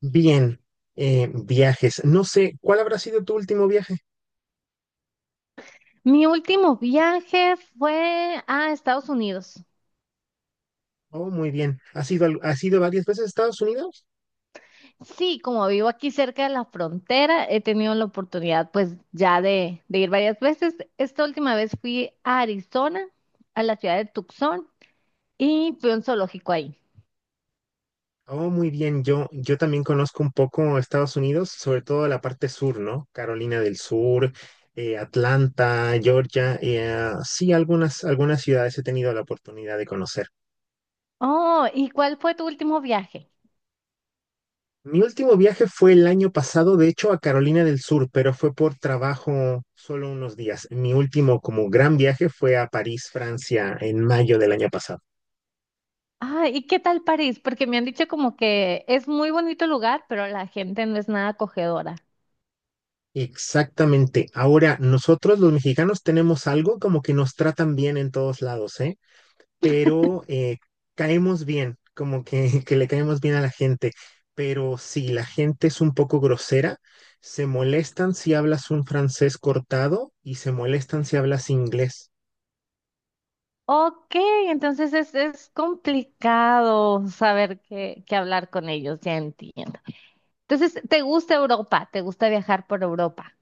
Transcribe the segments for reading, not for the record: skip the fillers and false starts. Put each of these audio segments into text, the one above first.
Bien, viajes. No sé, ¿cuál habrá sido tu último viaje? Mi último viaje fue a Estados Unidos. Oh, muy bien. ¿Has ido, has ido varias veces a Estados Unidos? Sí, como vivo aquí cerca de la frontera, he tenido la oportunidad pues ya de ir varias veces. Esta última vez fui a Arizona, a la ciudad de Tucson, y fui a un zoológico ahí. Oh, muy bien. Yo también conozco un poco Estados Unidos, sobre todo la parte sur, ¿no? Carolina del Sur, Atlanta, Georgia. Sí, algunas ciudades he tenido la oportunidad de conocer. Oh, ¿y cuál fue tu último viaje? Mi último viaje fue el año pasado, de hecho, a Carolina del Sur, pero fue por trabajo solo unos días. Mi último como gran viaje fue a París, Francia, en mayo del año pasado. Ah, ¿y qué tal París? Porque me han dicho como que es muy bonito el lugar, pero la gente no es nada acogedora. Exactamente. Ahora, nosotros los mexicanos tenemos algo como que nos tratan bien en todos lados, ¿eh? Pero caemos bien, como que, que le caemos bien a la gente. Pero si la gente es un poco grosera, se molestan si hablas un francés cortado y se molestan si hablas inglés. Ok, entonces es complicado saber qué hablar con ellos, ya entiendo. Entonces, ¿te gusta Europa? ¿Te gusta viajar por Europa?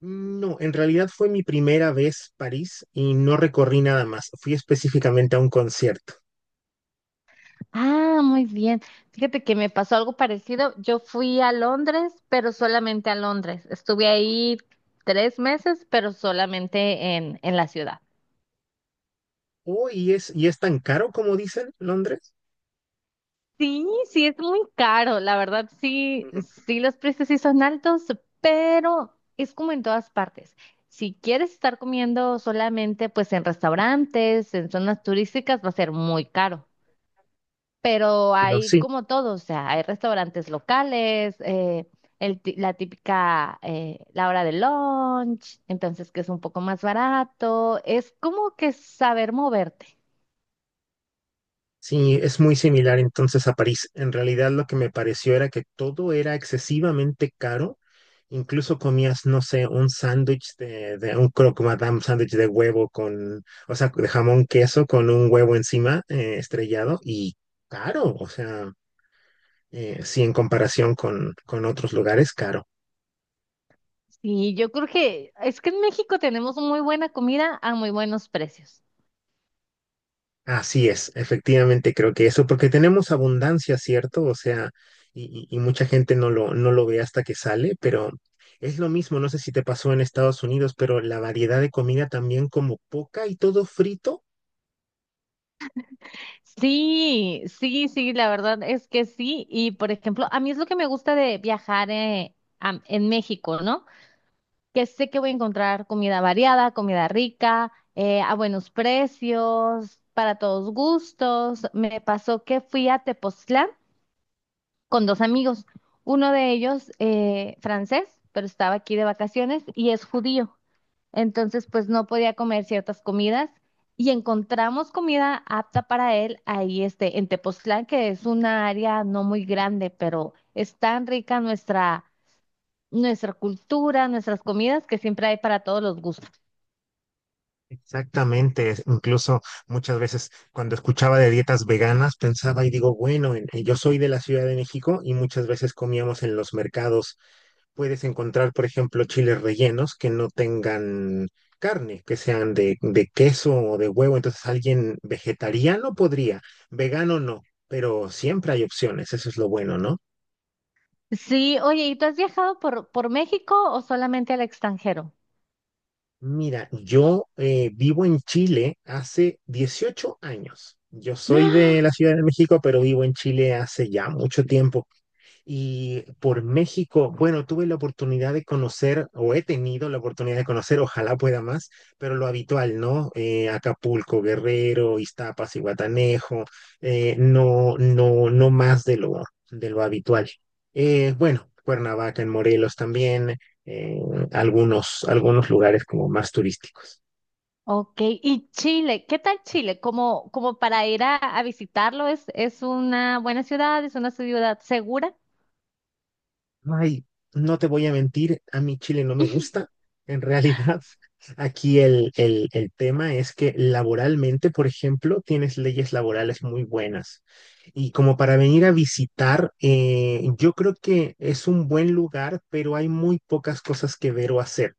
No, en realidad fue mi primera vez París y no recorrí nada más. Fui específicamente a un concierto. Ah, muy bien. Fíjate que me pasó algo parecido. Yo fui a Londres, pero solamente a Londres. Estuve ahí 3 meses, pero solamente en la ciudad. Oh, y es tan caro como dicen Londres. Sí, sí, es muy caro, la verdad, sí, Ujú. sí, los precios sí son altos, pero es como en todas partes. Si quieres estar comiendo solamente pues en restaurantes, en zonas turísticas, va a ser muy caro, pero Digo, hay sí. como todo, o sea, hay restaurantes locales, la típica, la hora de lunch, entonces que es un poco más barato, es como que saber moverte. Sí, es muy similar entonces a París. En realidad lo que me pareció era que todo era excesivamente caro. Incluso comías, no sé, un sándwich de un croque madame, sándwich de huevo con, o sea, de jamón queso con un huevo encima estrellado y caro. O sea, sí, en comparación con otros lugares, caro. Sí, yo creo que es que en México tenemos muy buena comida a muy buenos precios. Así es, efectivamente creo que eso, porque tenemos abundancia, ¿cierto? O sea, y mucha gente no lo ve hasta que sale, pero es lo mismo, no sé si te pasó en Estados Unidos, pero la variedad de comida también como poca y todo frito. Sí, sí, sí, la verdad es que sí. Y por ejemplo, a mí es lo que me gusta de viajar en México, ¿no? Que sé que voy a encontrar comida variada, comida rica, a buenos precios, para todos gustos. Me pasó que fui a Tepoztlán con dos amigos, uno de ellos francés, pero estaba aquí de vacaciones y es judío. Entonces, pues no podía comer ciertas comidas y encontramos comida apta para él ahí en Tepoztlán, que es una área no muy grande, pero es tan rica nuestra, nuestra cultura, nuestras comidas, que siempre hay para todos los gustos. Exactamente, incluso muchas veces cuando escuchaba de dietas veganas pensaba y digo, bueno, yo soy de la Ciudad de México y muchas veces comíamos en los mercados. Puedes encontrar, por ejemplo, chiles rellenos que no tengan carne, que sean de queso o de huevo. Entonces, alguien vegetariano podría, vegano no, pero siempre hay opciones, eso es lo bueno, ¿no? Sí, oye, ¿y tú has viajado por México o solamente al extranjero? Mira, yo vivo en Chile hace 18 años. Yo soy de ¡Ah! la Ciudad de México, pero vivo en Chile hace ya mucho tiempo. Y por México, bueno, tuve la oportunidad de conocer, o he tenido la oportunidad de conocer, ojalá pueda más, pero lo habitual, ¿no? Acapulco, Guerrero, Iztapas, Iguatanejo, no, no, no más de lo habitual. Bueno, Cuernavaca en Morelos también, eh, algunos lugares como más turísticos. Ok, y Chile, ¿qué tal Chile? Como, como para ir a visitarlo, ¿es una buena ciudad? ¿Es una ciudad segura? Ay, no te voy a mentir, a mí Chile no me gusta. En realidad, aquí el tema es que laboralmente, por ejemplo, tienes leyes laborales muy buenas. Y como para venir a visitar, yo creo que es un buen lugar, pero hay muy pocas cosas que ver o hacer.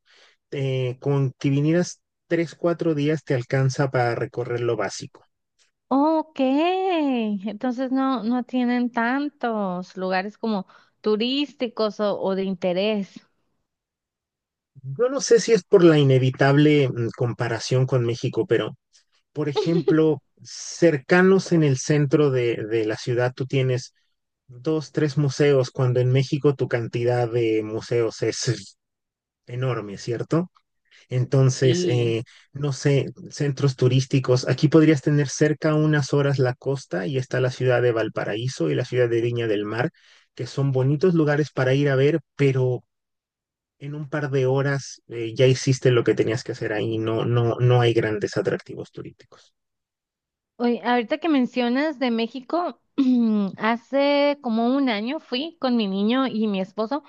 Con que vinieras 3, 4 días te alcanza para recorrer lo básico. Ok, entonces no, no tienen tantos lugares como turísticos o de interés. Yo no sé si es por la inevitable comparación con México, pero por ejemplo, cercanos en el centro de la ciudad, tú tienes dos, tres museos, cuando en México tu cantidad de museos es enorme, ¿cierto? Entonces, Y no sé, centros turísticos, aquí podrías tener cerca unas horas la costa y está la ciudad de Valparaíso y la ciudad de Viña del Mar, que son bonitos lugares para ir a ver, pero en un par de horas ya hiciste lo que tenías que hacer ahí, no, no, no hay grandes atractivos turísticos. oye, ahorita que mencionas de México, hace como un año fui con mi niño y mi esposo.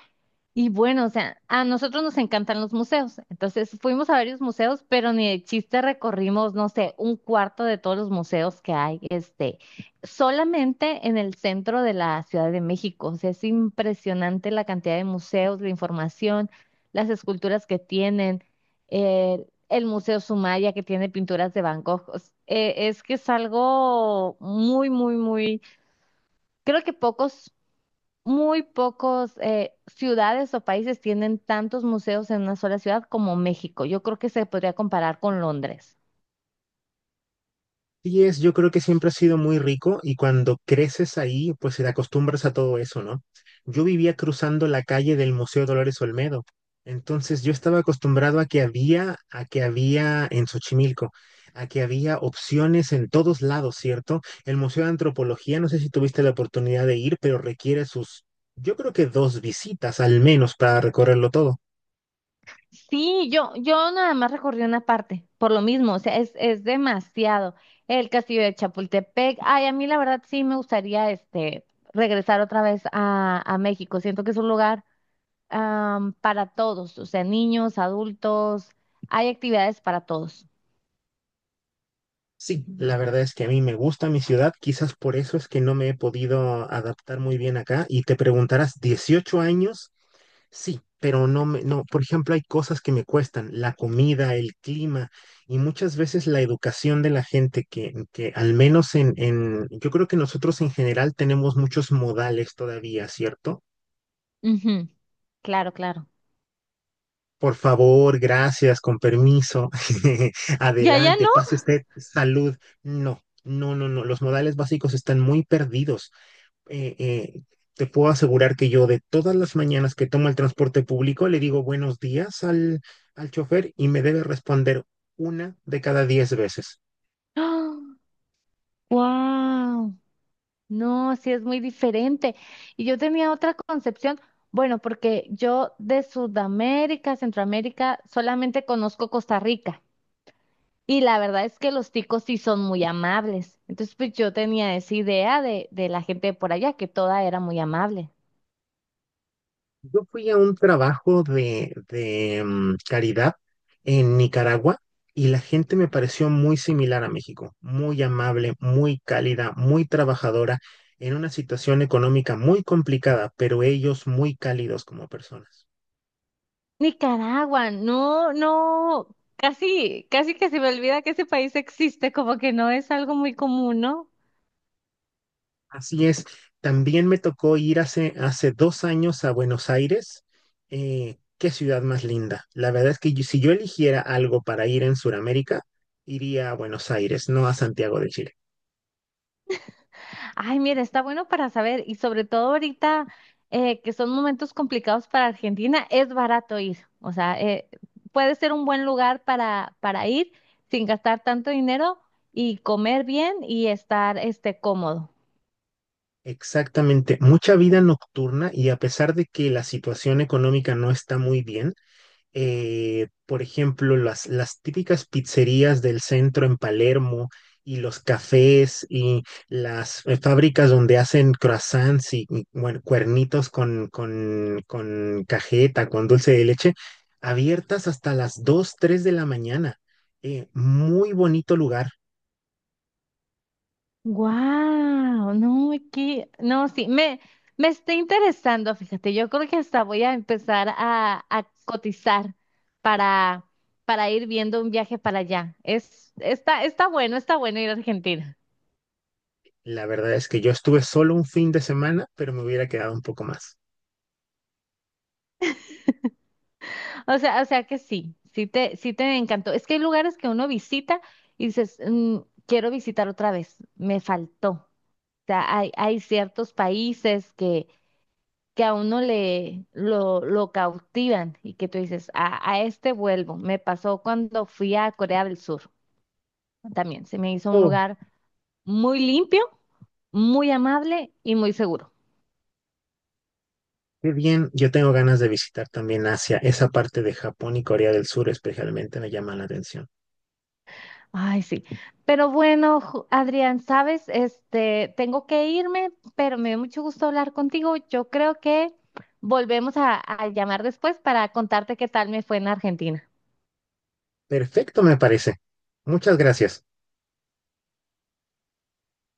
Y bueno, o sea, a nosotros nos encantan los museos. Entonces fuimos a varios museos, pero ni de chiste recorrimos, no sé, un cuarto de todos los museos que hay, solamente en el centro de la Ciudad de México. O sea, es impresionante la cantidad de museos, la información, las esculturas que tienen, el Museo Sumaya que tiene pinturas de Van Gogh. Es que es algo muy, muy, muy, creo que pocos muy pocos ciudades o países tienen tantos museos en una sola ciudad como México. Yo creo que se podría comparar con Londres. Sí es, yo creo que siempre ha sido muy rico y cuando creces ahí, pues te acostumbras a todo eso, ¿no? Yo vivía cruzando la calle del Museo Dolores Olmedo, entonces yo estaba acostumbrado a que había en Xochimilco, a que había opciones en todos lados, ¿cierto? El Museo de Antropología, no sé si tuviste la oportunidad de ir, pero requiere sus, yo creo que dos visitas al menos para recorrerlo todo. Sí, yo nada más recorrí una parte, por lo mismo, o sea, es demasiado. El castillo de Chapultepec, ay, a mí la verdad sí me gustaría regresar otra vez a México. Siento que es un lugar para todos, o sea, niños, adultos, hay actividades para todos. Sí, la verdad es que a mí me gusta mi ciudad, quizás por eso es que no me he podido adaptar muy bien acá. Y te preguntarás, ¿18 años? Sí, pero no me, no, por ejemplo, hay cosas que me cuestan, la comida, el clima y muchas veces la educación de la gente que al menos en, yo creo que nosotros en general tenemos muchos modales todavía, ¿cierto? Ujú, claro, claro. Por favor, gracias, con permiso, Ya, ya adelante, no. pase usted, salud. No, no, no, no, los modales básicos están muy perdidos. eh, eh, Te puedo asegurar que yo de todas las mañanas que tomo el transporte público le digo buenos días al chofer y me debe responder una de cada 10 veces. ¡Wow! No, sí es muy diferente. Y yo tenía otra concepción, bueno, porque yo de Sudamérica, Centroamérica, solamente conozco Costa Rica. Y la verdad es que los ticos sí son muy amables. Entonces, pues yo tenía esa idea de la gente de por allá, que toda era muy amable. Yo fui a un trabajo de caridad en Nicaragua y la gente me pareció muy similar a México, muy amable, muy cálida, muy trabajadora, en una situación económica muy complicada, pero ellos muy cálidos como personas. Nicaragua, no, no, casi, casi que se me olvida que ese país existe, como que no es algo muy común, ¿no? Así es, también me tocó ir hace 2 años a Buenos Aires. Qué ciudad más linda. La verdad es que si yo eligiera algo para ir en Sudamérica, iría a Buenos Aires, no a Santiago de Chile. Ay, mira, está bueno para saber y sobre todo ahorita que son momentos complicados para Argentina, es barato ir. O sea, puede ser un buen lugar para ir sin gastar tanto dinero y comer bien y estar cómodo. Exactamente, mucha vida nocturna y a pesar de que la situación económica no está muy bien, por ejemplo, las típicas pizzerías del centro en Palermo y los cafés y las fábricas donde hacen croissants y, bueno, cuernitos con cajeta, con dulce de leche, abiertas hasta las 2 3 de la mañana. Muy bonito lugar. Wow, no, aquí, no, sí, me está interesando, fíjate, yo creo que hasta voy a empezar a cotizar para, para ir viendo un viaje para allá. Está bueno ir a Argentina. La verdad es que yo estuve solo un fin de semana, pero me hubiera quedado un poco más. O sea que sí, sí te encantó. Es que hay lugares que uno visita y dices, "Mm, quiero visitar otra vez, me faltó. O sea, hay ciertos países que a uno le lo cautivan y que tú dices, a este vuelvo. Me pasó cuando fui a Corea del Sur también. Se me hizo un Oh, lugar muy limpio, muy amable y muy seguro. qué bien, yo tengo ganas de visitar también Asia, esa parte de Japón y Corea del Sur especialmente me llama la atención. Ay, sí. Pero bueno, Adrián, sabes, este, tengo que irme, pero me dio mucho gusto hablar contigo. Yo creo que volvemos a llamar después para contarte qué tal me fue en Argentina. Perfecto, me parece. Muchas gracias.